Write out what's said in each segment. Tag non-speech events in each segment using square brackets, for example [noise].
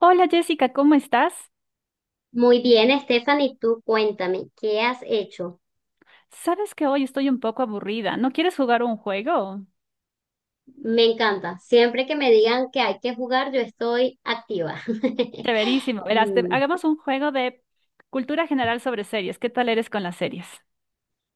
Hola Jessica, ¿cómo estás? Muy bien, Stephanie, tú cuéntame, ¿qué has hecho? Sabes que hoy estoy un poco aburrida. ¿No quieres jugar un juego? Me encanta. Siempre que me digan que hay que jugar, yo estoy activa. [laughs] Chéverísimo. Verás, Mm. hagamos un juego de cultura general sobre series. ¿Qué tal eres con las series?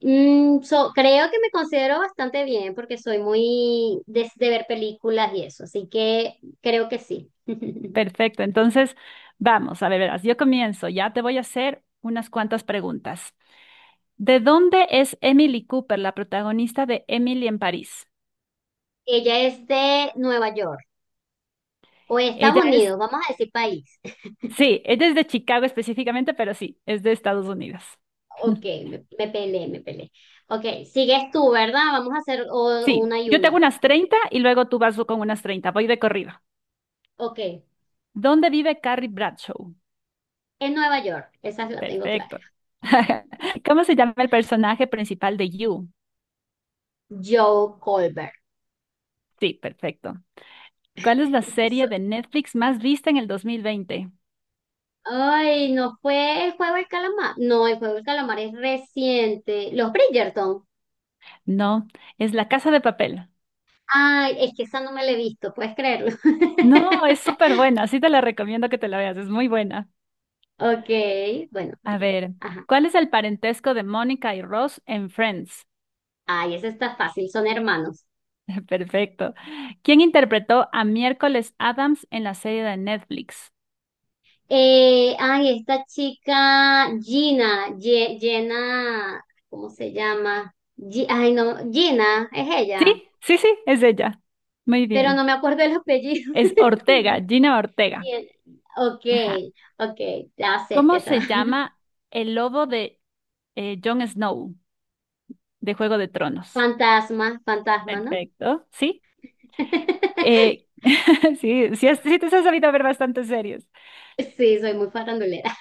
Creo que me considero bastante bien porque soy muy de ver películas y eso, así que creo que sí. [laughs] Perfecto. Entonces, vamos, a ver, verás, yo comienzo. Ya te voy a hacer unas cuantas preguntas. ¿De dónde es Emily Cooper, la protagonista de Emily en París? Ella es de Nueva York o Ella Estados es, Unidos, vamos a decir país. [laughs] sí, ella es de Chicago específicamente, pero sí, es de Estados Unidos. Ok, me peleé, me peleé. Ok, sigues tú, ¿verdad? Vamos a hacer Sí, una y yo te hago una. unas 30 y luego tú vas con unas 30. Voy de corrido. Ok, en ¿Dónde vive Carrie Bradshaw? Nueva York, esa la tengo clara. Perfecto. [laughs] ¿Cómo se llama el personaje principal de You? Joe Goldberg. Sí, perfecto. ¿Cuál es la serie So- de Netflix más vista en el 2020? Ay, no fue el juego del calamar. No, el juego del calamar es reciente. Los Bridgerton. No, es La Casa de Papel. Ay, es que esa no me la he visto, puedes creerlo. No, es [laughs] súper buena, sí te la recomiendo que te la veas, es muy buena. Ok, bueno. A ver, Ajá. ¿cuál es el parentesco de Mónica y Ross en Friends? Ay, esa está fácil, son hermanos. [laughs] Perfecto. ¿Quién interpretó a Miércoles Adams en la serie de Netflix? Ay, esta chica, Jenna, ¿cómo se llama? Gi- ay, no, Gina, es ella, Sí, sí, sí, es ella. Muy pero no bien. me acuerdo el apellido. Es [laughs] Ortega, Gina Ortega. Bien, ok, Ajá. ok, ya sé que ¿Cómo eso. se [laughs] llama el lobo de Jon Snow de Juego de Tronos? Fantasma, fantasma, ¿no? Perfecto, sí. Eh, [laughs] [laughs] sí, sí, sí te has sabido ver bastante series. Sí, soy muy farandulera.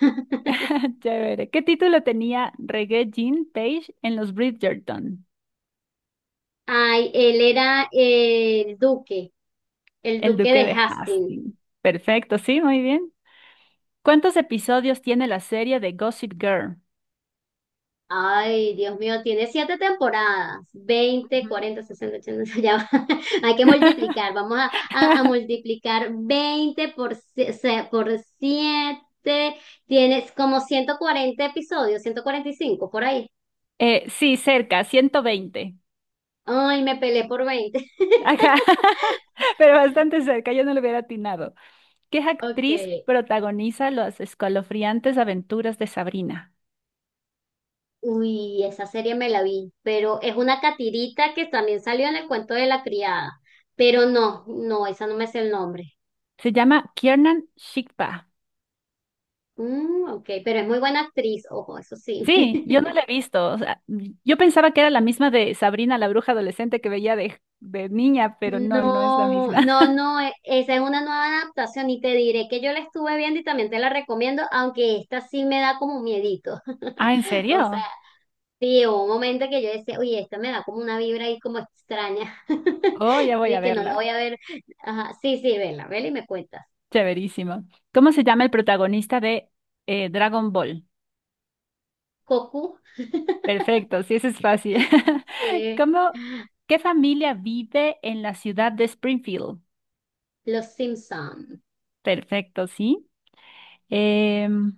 [laughs] Chévere. ¿Qué título tenía Reggae Jean Page en los Bridgerton? Ay, él era el El duque Duque de de Hastings. Hastings. Perfecto, sí, muy bien. ¿Cuántos episodios tiene la serie de Gossip Girl? Ay, Dios mío, tiene siete temporadas, 20, Ujú. 40, 60, 80, [laughs] ya va. Hay que [laughs] multiplicar, a multiplicar 20 por, por 7, tienes como 140 episodios, 145 por ahí. Sí, cerca, 120. Ay, me peleé por 20. Ajá, [laughs] pero bastante cerca, yo no lo hubiera atinado. ¿Qué Ok, actriz protagoniza las escalofriantes aventuras de Sabrina? uy, esa serie me la vi, pero es una catirita que también salió en el cuento de la criada, pero esa no me es el nombre. Se llama Kiernan Shipka. Mm, ok, pero es muy buena actriz, ojo, eso sí. Sí, yo no [laughs] la he visto. O sea, yo pensaba que era la misma de Sabrina, la bruja adolescente que veía de niña, pero no, no es la No, misma. no, [laughs] no, esa es una nueva adaptación y te diré que yo la estuve viendo y también te la recomiendo, aunque esta sí me da como miedito. Ah, ¿en [laughs] O sea, serio? sí, hubo un momento que yo decía, oye, esta me da como una vibra ahí como extraña. [laughs] Oh, ya voy a Así que no la voy verla. a ver. Ajá, sí, sí, vela, vela y me cuentas. Chéverísimo. ¿Cómo se llama el protagonista de Dragon Ball? Cocu, Perfecto, sí, eso es fácil. [laughs] eh, ¿Cómo, qué familia vive en la ciudad de Springfield? Los Simpson. Perfecto, sí. Em,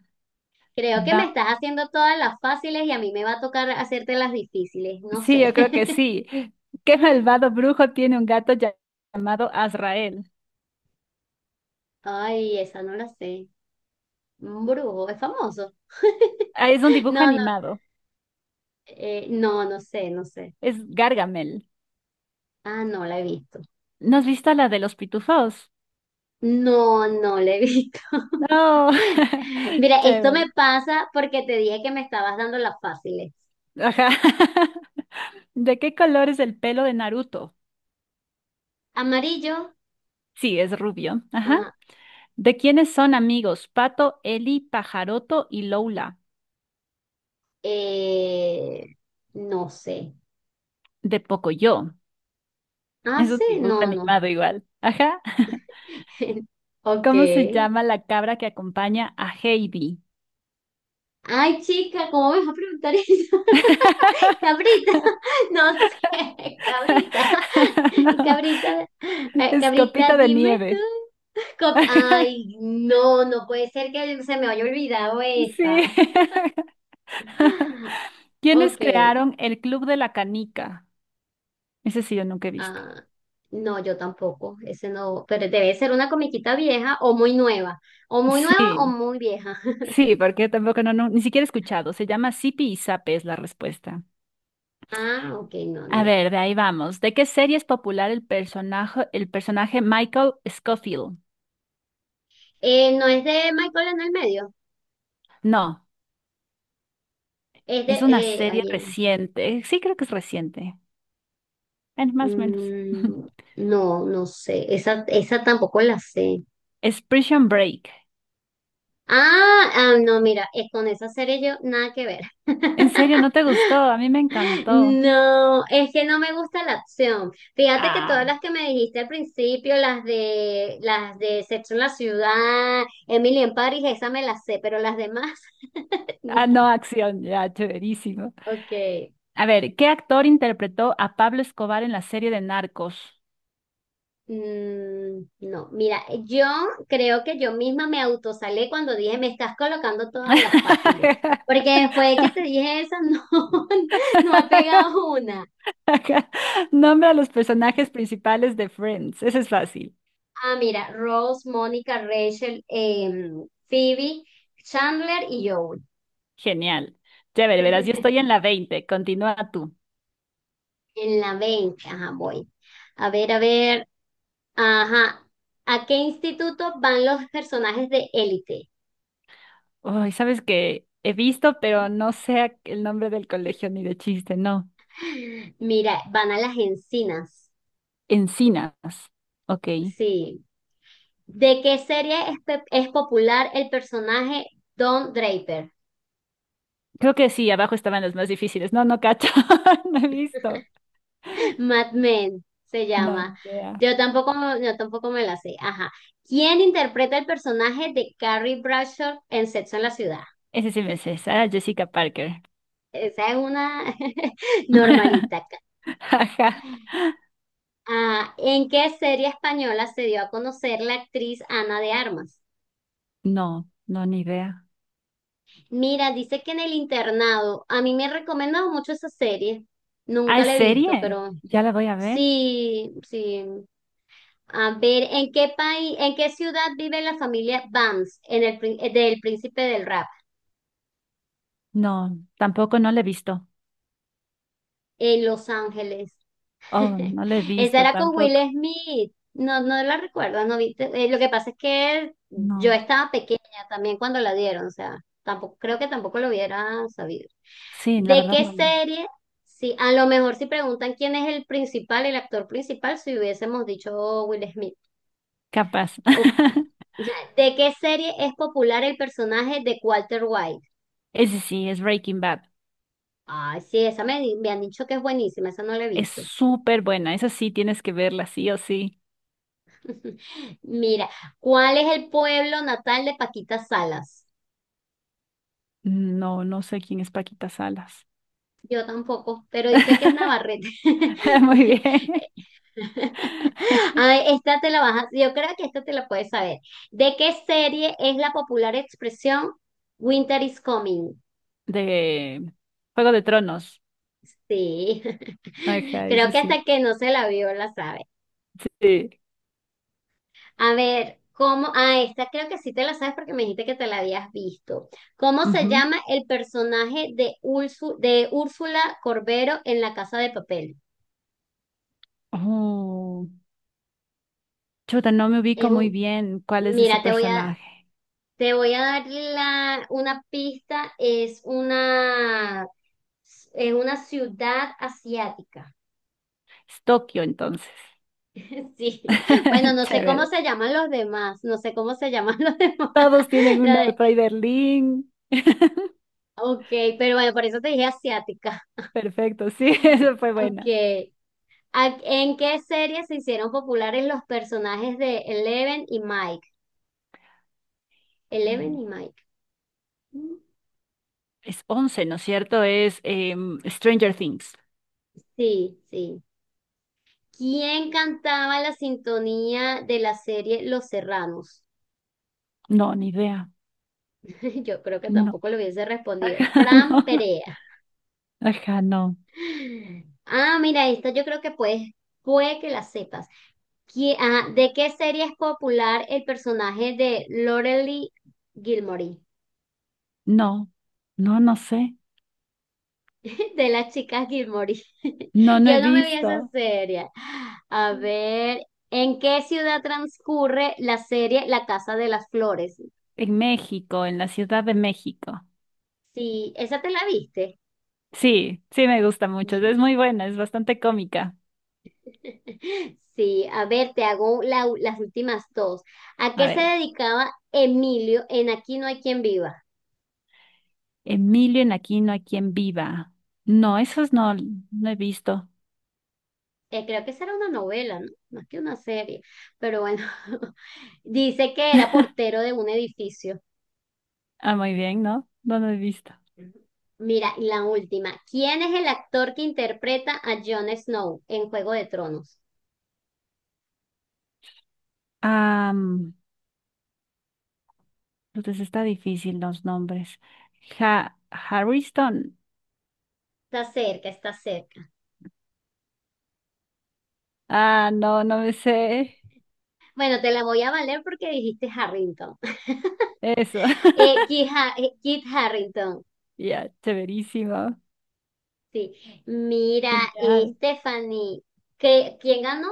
Creo que me va- estás haciendo todas las fáciles y a mí me va a tocar hacerte las difíciles, no sí, sé. yo creo que [laughs] sí. ¿Qué malvado brujo tiene un gato llamado Azrael? Ay, esa no la sé. Un brujo, es famoso. [laughs] Ah, es un dibujo No, no, animado, no, no sé, no sé. es Gargamel. Ah, no la he visto. ¿No has visto la de los pitufos? No, no la he visto. No, [laughs] [laughs] Mira, esto chévere. me pasa porque te dije que me estabas dando las fáciles. Ajá. [laughs] ¿De qué color es el pelo de Naruto? Amarillo, Sí, es rubio. Ajá. ah, ¿De quiénes son amigos? Pato, Eli, Pajaroto y Lola. eh, no sé. De Pocoyo. Ah, Es un sí, dibujo no, no. animado igual. Ajá. [laughs] [laughs] Ok. ¿Cómo se llama la cabra que acompaña a Heidi? Ay, chica, ¿cómo me vas a preguntar eso? [laughs] [laughs] Cabrita, no sé, cabrita, [laughs] No, cabrita, es cabrita, Copita de dime tú. Nieve. [laughs] Ay, no, no puede ser que se me haya olvidado Sí. esa. [laughs] [laughs] Ok, ¿Quiénes crearon el Club de la Canica? Ese sí yo nunca he visto. ah, no, yo tampoco, ese no, pero debe ser una comiquita vieja o muy nueva, o muy nueva o Sí, muy vieja. [laughs] sí, porque tampoco no, no, ni siquiera he escuchado. Se llama Sipi y Zape es la respuesta. Ah, ok, no, ni A idea. ver, de ahí vamos. ¿De qué serie es popular el personaje Michael Scofield? ¿No es de Michael en el medio? No, Es de, es una serie ayer. reciente. Sí, creo que es reciente. Bueno, más o menos. [laughs] Mm, no, no sé. Esa tampoco la sé. Es Prison Break. Ah, ah, no, mira, es con esa serie yo nada que ver. ¿En [laughs] serio no te gustó? A mí me encantó. No, es que no me gusta la acción. Fíjate que todas Ah, las que me dijiste al principio, las de Sexo en la Ciudad, Emily en París, esa me las sé, pero las demás [laughs] ah, no, no. acción, ya, chéverísimo. Ok. A ver, ¿qué actor interpretó a Pablo Escobar en la serie de Narcos? Mm, no, mira, yo creo que yo misma me autosalé cuando dije, me estás colocando todas las fáciles, [laughs] porque después de que te dije esa, no, [laughs] no he pegado una. Nombra a los personajes principales de Friends. Eso es fácil. Ah, mira, Rose, Mónica, Rachel, Phoebe, Chandler y Joey. Genial. Chévere, verás, yo estoy [laughs] en la 20. Continúa tú. En la 20 ajá, voy. A ver, ajá. ¿A qué instituto van los personajes de Élite? Ay, sabes que he visto, pero no sé el nombre del colegio ni de chiste, no. [laughs] Mira, van a las encinas. Encinas. Ok. Sí, ¿de qué serie es, es popular el personaje Don Draper? Creo que sí, abajo estaban los más difíciles. No, no cacho. [laughs] No he visto. [laughs] Mad Men se No, ni llama. idea. Yo tampoco, yo tampoco me la sé. Ajá. ¿Quién interpreta el personaje de Carrie Bradshaw en Sexo en la Ciudad? Ese sí me sé, Sarah Jessica Parker. Esa es una [laughs] [laughs] normalita. Ajá. Ah, ¿en qué serie española se dio a conocer la actriz Ana de Armas? No, no, ni idea. Mira, dice que en el internado, a mí me han recomendado mucho esa serie. Ah, Nunca ¿es la he visto, serie? pero ¿Ya la voy a ver? sí, sí. A ver, ¿en qué país, en qué ciudad vive la familia Vance en el, del Príncipe del Rap? No, tampoco no la he visto. En Los Ángeles. Oh, [laughs] no la he Esa visto era con Will tampoco. Smith. No, no la recuerdo, no vi- lo que pasa es que yo No. estaba pequeña también cuando la dieron, o sea, tampoco, creo que tampoco lo hubiera sabido. Sí, la ¿De verdad qué no, no. serie? Sí, a lo mejor si preguntan quién es el principal, el actor principal, si hubiésemos dicho Will Smith. Capaz. Ok. [laughs] ¿De qué serie es popular el personaje de Walter White? Ese sí, es Breaking Bad. Ay, sí, me han dicho que es buenísima, esa no la he Es visto. súper buena. Esa sí tienes que verla, sí o sí. [laughs] Mira, ¿cuál es el pueblo natal de Paquita Salas? No, no sé quién es Paquita Salas. Yo tampoco, pero dice que es [laughs] Navarrete. Muy bien. [laughs] Ay, esta te la vas a, yo creo que esta te la puedes saber. ¿De qué serie es la popular expresión Winter is coming? De Juego de Tronos. Sí, [laughs] Ajá, creo ese que sí. hasta que no se la vio la sabe. Sí. A ver, ¿cómo? Ah, esta creo que sí te la sabes porque me dijiste que te la habías visto. ¿Cómo se Ujú. llama el personaje de, de Úrsula Corbero en La Casa de Papel? Oh, chuta, no me ubico Es muy un, bien cuál es ese mira, personaje. te voy a dar la, una pista. Es una ciudad asiática. Es Tokio, entonces. [laughs] Sí. Bueno, [laughs] no sé cómo Chévere. se llaman los demás. No sé cómo se llaman los demás. Todos tienen [laughs] un La nombre de- por ahí, Berlín. Ok, pero bueno, por eso te dije asiática. Perfecto, sí. [laughs] Eso fue [laughs] Ok. buena. ¿En qué serie se hicieron populares los personajes de Eleven y Mike? Eleven y Mike. Mm, Es 11, ¿no es cierto? Es Stranger Things. sí, sí. ¿Quién cantaba la sintonía de la serie Los Serranos? No, ni idea. [laughs] Yo creo que No. tampoco lo hubiese respondido. Ajá, [laughs] Fran no. Perea. Ajá, no. Ah, mira, esta yo creo que puedes, puede que la sepas. ¿De qué serie es popular el personaje de Lorelai Gilmore? No. No, no sé. [laughs] De las chicas Gilmore. No, [laughs] no he Yo no me vi visto. esa serie. A ver, ¿en qué ciudad transcurre la serie La Casa de las Flores? En México, en la Ciudad de México. Sí, esa te la viste. Sí, sí me gusta mucho. Es muy buena, es bastante cómica. [laughs] Sí, a ver, te hago las últimas dos. ¿A qué A se ver, dedicaba Emilio en Aquí no hay quien viva? Emilio en Aquino, ¿a quien viva? No, esos no, no he visto. Creo que esa era una novela, ¿no? Más que una serie. Pero bueno, [laughs] dice que era portero de un edificio. Ah, muy bien, ¿no? No, no he visto. Mira, y la última. ¿Quién es el actor que interpreta a Jon Snow en Juego de Tronos? Ah, mm, entonces está difícil los nombres. Harrison. Está cerca, está cerca. Ah, no, no me sé Bueno, te la voy a valer porque dijiste Harrington. [laughs] eso. [laughs] Kit Harrington, Ya, chéverísimo. sí. Mira, Genial. Stephanie, ¿quién ganó?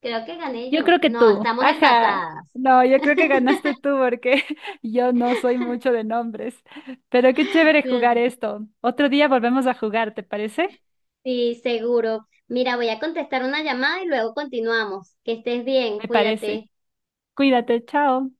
Creo que gané Yo yo. creo que No, tú. estamos Ajá. empatadas. No, yo creo que ganaste tú porque [laughs] yo no soy mucho de nombres. Pero qué chévere jugar [laughs] esto. Otro día volvemos a jugar, ¿te parece? Sí, seguro. Mira, voy a contestar una llamada y luego continuamos. Que estés bien, Me parece. cuídate. Cuídate, chao.